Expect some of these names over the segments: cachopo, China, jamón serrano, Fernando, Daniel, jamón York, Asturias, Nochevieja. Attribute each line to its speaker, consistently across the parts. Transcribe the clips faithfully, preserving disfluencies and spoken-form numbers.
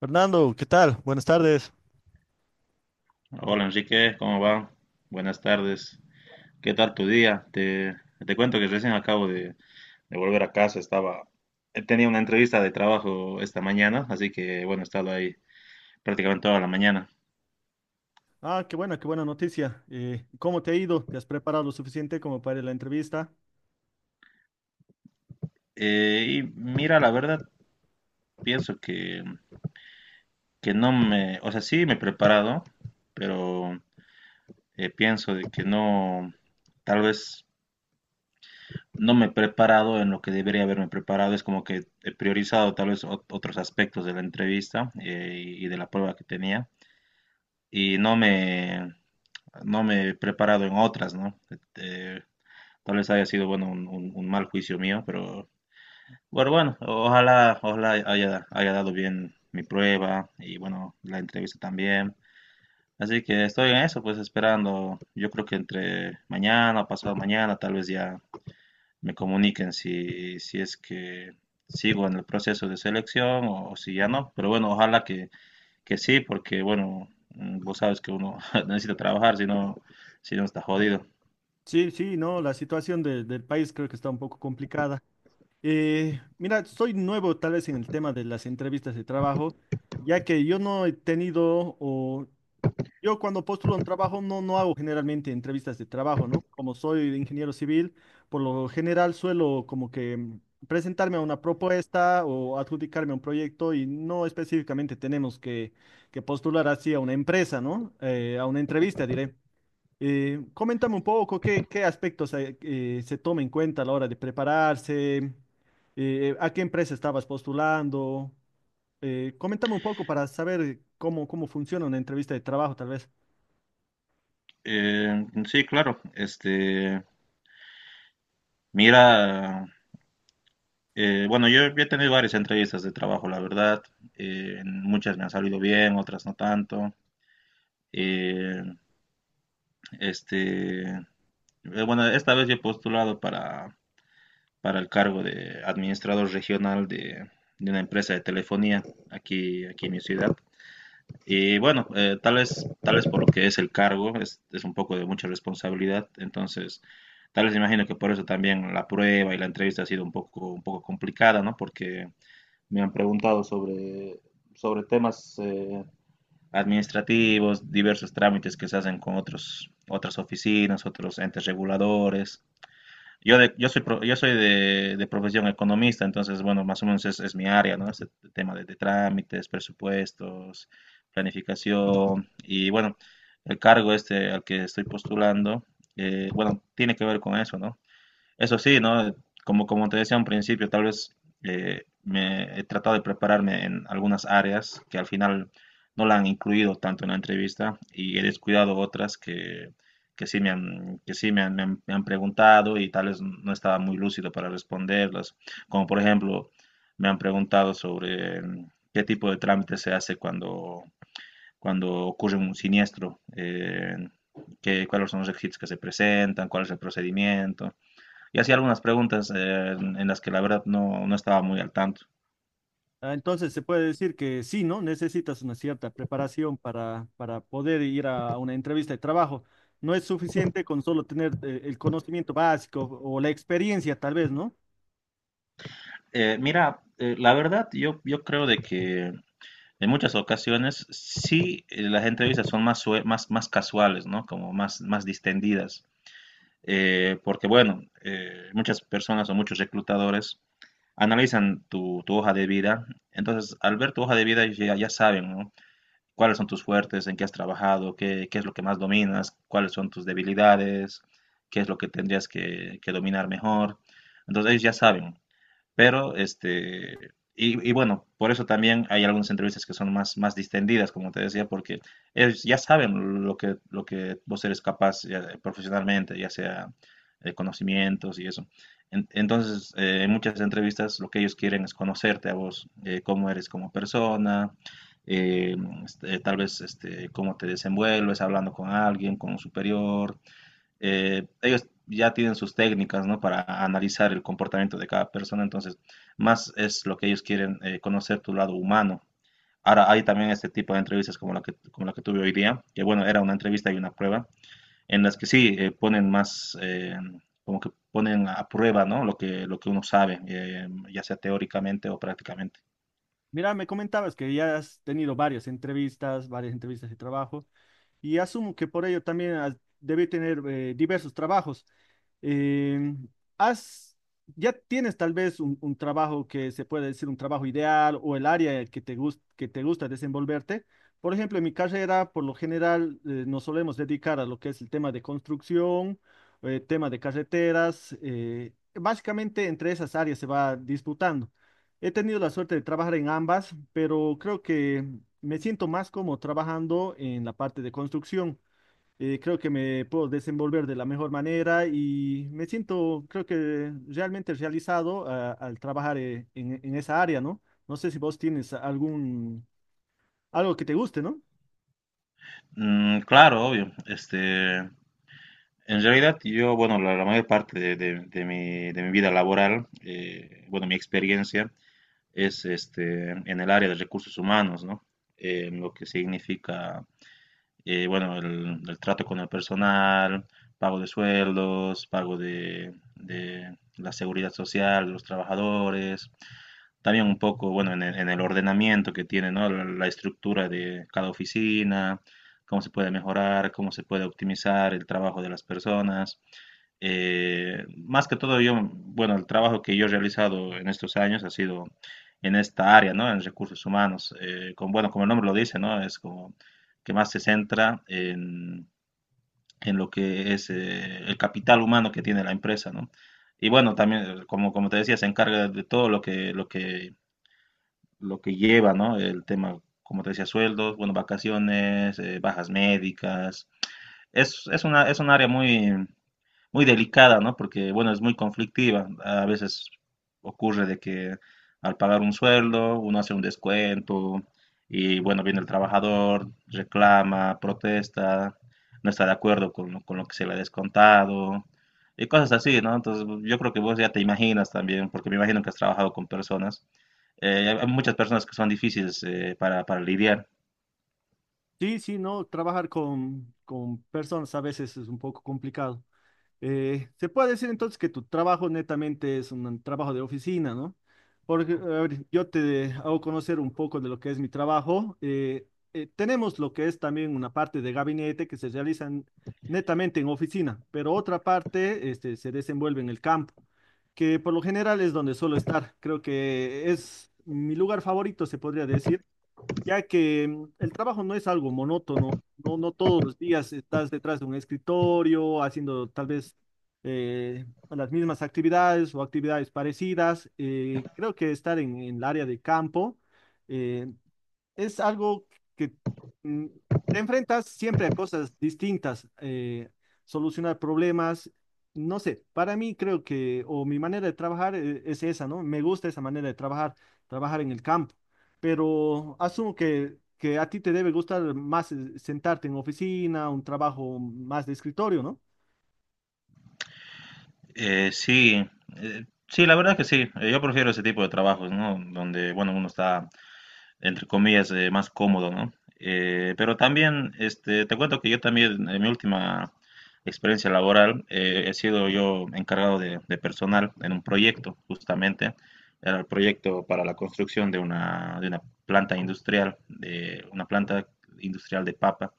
Speaker 1: Fernando, ¿qué tal? Buenas tardes.
Speaker 2: Hola Enrique, ¿cómo va? Buenas tardes. ¿Qué tal tu día? Te, te cuento que recién acabo de, de volver a casa. Estaba, eh, tenía una entrevista de trabajo esta mañana, así que bueno, he estado ahí prácticamente toda la mañana.
Speaker 1: Ah, qué buena, qué buena noticia. Eh, ¿cómo te ha ido? ¿Te has preparado lo suficiente como para la entrevista?
Speaker 2: Eh, y mira, la verdad, pienso que, que no me, o sea, sí me he preparado, pero eh, pienso de que no, tal vez no me he preparado en lo que debería haberme preparado. Es como que he priorizado tal vez ot- otros aspectos de la entrevista, eh, y de la prueba que tenía y no me, no me he preparado en otras, ¿no? Eh, Tal vez haya sido, bueno, un, un- un mal juicio mío, pero bueno, bueno, ojalá, ojalá haya, haya dado bien mi prueba y bueno, la entrevista también. Así que estoy en eso, pues esperando, yo creo que entre mañana, pasado mañana, tal vez ya me comuniquen si, si es que sigo en el proceso de selección o, o si ya no. Pero bueno, ojalá que, que sí, porque bueno, mm, vos sabes que uno necesita trabajar, si no, si no está jodido.
Speaker 1: Sí, sí, no, la situación de- del país creo que está un poco complicada. Eh, mira, soy nuevo tal vez en el tema de las entrevistas de trabajo, ya que yo no he tenido o yo cuando postulo un trabajo no, no hago generalmente entrevistas de trabajo, ¿no? Como soy ingeniero civil, por lo general suelo como que mm, presentarme a una propuesta o adjudicarme a un proyecto y no específicamente tenemos que, que postular así a una empresa, ¿no? Eh, a una entrevista, diré. Eh, coméntame un poco qué, qué aspectos eh, eh, se toma en cuenta a la hora de prepararse, eh, a qué empresa estabas postulando. Eh, coméntame un poco para saber cómo, cómo funciona una entrevista de trabajo, tal vez.
Speaker 2: Eh, sí, claro, este, mira, eh, bueno, yo he tenido varias entrevistas de trabajo, la verdad. Eh, en muchas me han salido bien, otras no tanto. Eh, este, eh, bueno, esta vez yo he postulado para, para el cargo de administrador regional de, de una empresa de telefonía aquí, aquí en mi ciudad. Y bueno, eh, tal vez, tal vez por lo que es el cargo, es, es un poco de mucha responsabilidad, entonces tal vez imagino que por eso también la prueba y la entrevista ha sido un poco, un poco complicada, ¿no? Porque me han preguntado sobre, sobre temas eh, administrativos, diversos trámites que se hacen con otros, otras oficinas, otros entes reguladores. Yo, de- yo soy, pro- yo soy de, de profesión economista, entonces, bueno, más o menos es, es mi área, ¿no? Este tema de, de trámites, presupuestos, planificación y, bueno, el cargo este al que estoy postulando, eh, bueno, tiene que ver con eso, ¿no? Eso sí, ¿no? Como, como te decía un principio, tal vez eh, me he tratado de prepararme en algunas áreas que al final no la han incluido tanto en la entrevista y he descuidado otras que, que sí me han, que sí me han, me han- me han preguntado y tal vez no estaba muy lúcido para responderlas. Como por ejemplo, me han preguntado sobre mm, qué tipo de trámite se hace cuando, cuando ocurre un siniestro, eh, qué- cuáles son los requisitos que se presentan, cuál es el procedimiento, y hacía algunas preguntas eh, en, en las que la verdad no, no estaba muy al tanto.
Speaker 1: Ah, entonces se puede decir que sí, ¿no? Necesitas una cierta preparación para, para poder ir a una entrevista de trabajo. No es suficiente con solo tener eh, el conocimiento básico o la experiencia, tal vez, ¿no?
Speaker 2: Eh, mira, eh, la verdad yo, yo creo de que en muchas ocasiones sí, eh, las entrevistas son más, sue- más, más casuales, ¿no? Como más, más distendidas. Eh, porque bueno, eh, muchas personas o muchos reclutadores analizan tu, tu hoja de vida. Entonces, al ver tu hoja de vida ya, ya saben, ¿no? Cuáles son tus fuertes, en qué has trabajado, qué, qué es lo que más dominas, cuáles son tus debilidades, qué es lo que tendrías que, que dominar mejor. Entonces ellos ya saben, pero, este, y, y bueno, por eso también hay algunas entrevistas que son más, más distendidas, como te decía, porque ellos ya saben lo que, lo que vos eres capaz ya, eh, profesionalmente, ya sea eh, conocimientos y eso. En- Entonces, eh, en muchas entrevistas lo que ellos quieren es conocerte a vos, eh, cómo eres como persona, eh, este, tal vez este, cómo te desenvuelves hablando con alguien, con un superior, eh, ellos ya tienen sus técnicas, ¿no? Para analizar el comportamiento de cada persona, entonces más es lo que ellos quieren, eh, conocer tu lado humano. Ahora hay también este tipo de entrevistas como la que, como la que tuve hoy día, que bueno, era una entrevista y una prueba, en las que sí, eh, ponen más, eh, como que ponen a prueba, ¿no? Lo que, lo que uno sabe, eh, ya sea teóricamente o prácticamente.
Speaker 1: Mira, me comentabas que ya has tenido varias entrevistas, varias entrevistas de trabajo, y asumo que por ello también has- debe tener eh, diversos trabajos. Em, has, ya tienes tal vez un, un trabajo que se puede decir un trabajo ideal o el área que te gus- que te gusta desenvolverte. Por ejemplo, en mi carrera, por lo general, eh, nos solemos dedicar a lo que es el tema de construcción, eh, tema de carreteras. Eh, básicamente entre esas áreas se va disputando. He tenido la suerte de trabajar en ambas, pero creo que me siento más como trabajando en la parte de construcción. Eh, creo que me puedo desenvolver de la mejor manera y me siento, creo que realmente realizado ah, al trabajar eh, en, en esa área, ¿no? No sé si vos tienes algún, algo que te guste, ¿no?
Speaker 2: Mm, claro, obvio. Este, en realidad yo, bueno, la, la mayor parte de, de- de mi, de mi vida laboral, eh, bueno, mi experiencia, es este, en el área de recursos humanos, ¿no? Eh, lo que significa, eh, bueno, el, el, trato con el personal, pago de sueldos, pago de, de, la seguridad social de los trabajadores, también un poco, bueno, en el, en el ordenamiento que tiene, ¿no? La, la, estructura de cada oficina, cómo se puede mejorar, cómo se puede optimizar el trabajo de las personas. Eh, más que todo yo, bueno, el trabajo que yo he realizado en estos años ha sido en esta área, ¿no? En recursos humanos, eh, con, bueno, como el nombre lo dice, ¿no? Es como que más se centra en, en lo que es eh, el capital humano que tiene la empresa, ¿no? Y bueno, también, eh, como, como te decía, se encarga de todo lo que, lo que, lo que lleva, ¿no? El tema, como te decía, sueldos, bueno, vacaciones, eh, bajas médicas. Es, es una, es un área muy, muy delicada, ¿no? Porque, bueno, es muy conflictiva. A veces ocurre de que al pagar un sueldo, uno hace un descuento y, bueno, viene el trabajador, reclama, protesta, no está de acuerdo con, lo- con lo que se le ha descontado y cosas así, ¿no? Entonces, yo creo que vos ya te imaginas también, porque me imagino que has trabajado con personas. Eh, hay hay muchas personas que son difíciles, eh, para, para lidiar.
Speaker 1: Sí, sí, no, trabajar con, con personas a veces es un poco complicado. Eh, se puede decir entonces que tu trabajo netamente es un trabajo de oficina, ¿no? Porque, a ver, yo te hago conocer un poco de lo que es mi trabajo. Eh, eh, tenemos lo que es también una parte de gabinete que se realiza en- netamente en oficina, pero otra parte este, se desenvuelve en el campo, que por lo general es donde suelo estar. Creo que es mi lugar favorito, se podría decir, ya que mm, el trabajo no es algo monótono, no, no todos los días estás detrás de un escritorio haciendo tal vez eh, las mismas actividades o actividades parecidas. Eh, creo que estar en, en el área de campo, eh, es algo que mm, te enfrentas siempre a cosas distintas, eh, solucionar problemas, no sé, para mí creo que, o mi manera de trabajar eh, es esa, ¿no? Me gusta esa manera de trabajar, trabajar en el campo, pero asumo que, que a ti te debe gustar más eh, sentarte en oficina, un trabajo más de escritorio, ¿no?
Speaker 2: Eh, sí, eh, sí, la verdad que sí. Eh, Yo prefiero ese tipo de trabajos, ¿no? Donde, bueno, uno está entre comillas, eh, más cómodo, ¿no? Eh, pero también, este, te cuento que yo también, en mi última experiencia laboral, eh, he sido yo encargado de, de personal en un proyecto, justamente. Era el proyecto para la construcción de una, de una planta industrial, de una planta industrial de papa.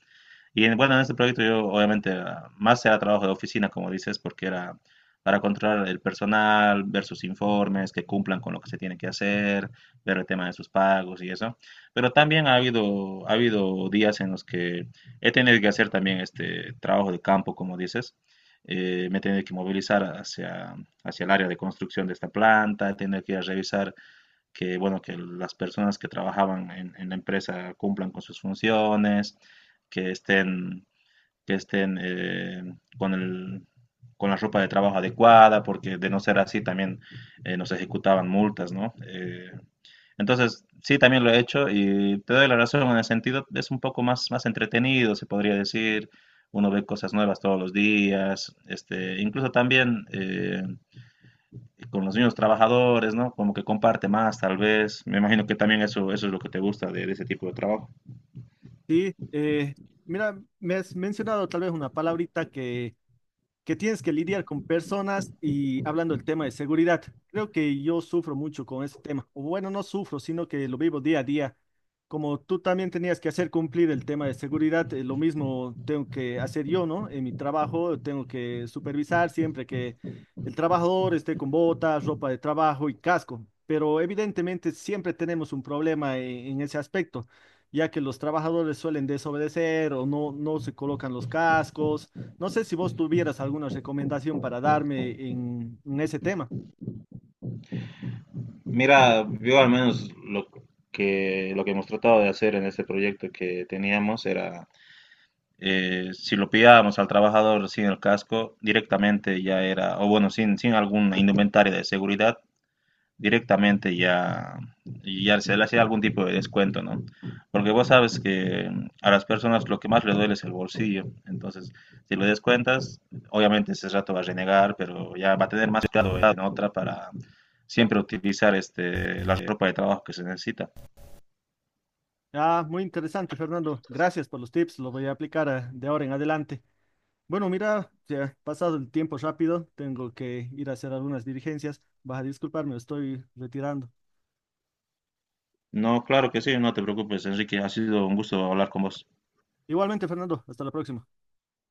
Speaker 2: Y en- bueno, en este proyecto yo obviamente ah, más era trabajo de oficina, como dices, porque era para controlar el personal, ver sus informes, que cumplan con lo que se tiene que hacer, ver el tema de sus pagos y eso. Pero también ha habido, ha habido días en los que he tenido que hacer también este trabajo de campo, como dices. Eh, me he tenido que movilizar hacia, hacia el área de construcción de esta planta, he tenido que ir a revisar que, bueno, que las personas que trabajaban en, en la empresa cumplan con sus funciones, que estén, que estén eh, con el, con la ropa de trabajo adecuada, porque de no ser así también eh, nos ejecutaban multas, ¿no? Eh, entonces, sí, también lo he hecho y te doy la razón en el sentido, es un poco más, más entretenido, se podría decir, uno ve cosas nuevas todos los días, este, incluso también eh, con los mismos trabajadores, ¿no? Como que comparte más, tal vez. Me imagino que también eso, eso es lo que te gusta de, de ese tipo de trabajo.
Speaker 1: Sí, eh, mira, me has mencionado tal vez una palabrita que que tienes que lidiar con personas y hablando del tema de seguridad. Creo que yo sufro mucho con ese tema. O bueno, no sufro, sino que lo vivo día a día. Como tú también tenías que hacer cumplir el tema de seguridad, eh, lo mismo tengo que hacer yo, ¿no? En mi trabajo tengo que supervisar siempre que el trabajador esté con botas, ropa de trabajo y casco. Pero evidentemente siempre tenemos un problema en en ese aspecto, ya que los trabajadores suelen desobedecer o no, no se colocan los cascos. No sé si vos tuvieras alguna recomendación para darme en, en ese tema.
Speaker 2: Mira, yo al menos lo que, lo que hemos tratado de hacer en este proyecto que teníamos era, eh, si lo pillábamos al trabajador sin el casco, directamente ya era, o bueno, sin, sin algún indumentaria de seguridad, directamente ya, ya se le hace algún tipo de descuento, ¿no? Porque vos sabes que a las personas lo que más les duele es el bolsillo, entonces si lo descuentas, obviamente ese rato va a renegar, pero ya va a tener más cuidado en otra para siempre utilizar este, la ropa de trabajo que se necesita.
Speaker 1: Ah, muy interesante, Fernando. Gracias por los tips. Los voy a aplicar ah, de ahora en adelante. Bueno, mira, se ha pasado el tiempo rápido. Tengo que ir a hacer algunas diligencias. Vas a disculparme, estoy retirando.
Speaker 2: No, claro que sí, no te preocupes, Enrique, ha sido un gusto hablar con vos.
Speaker 1: Igualmente, Fernando. Hasta la próxima.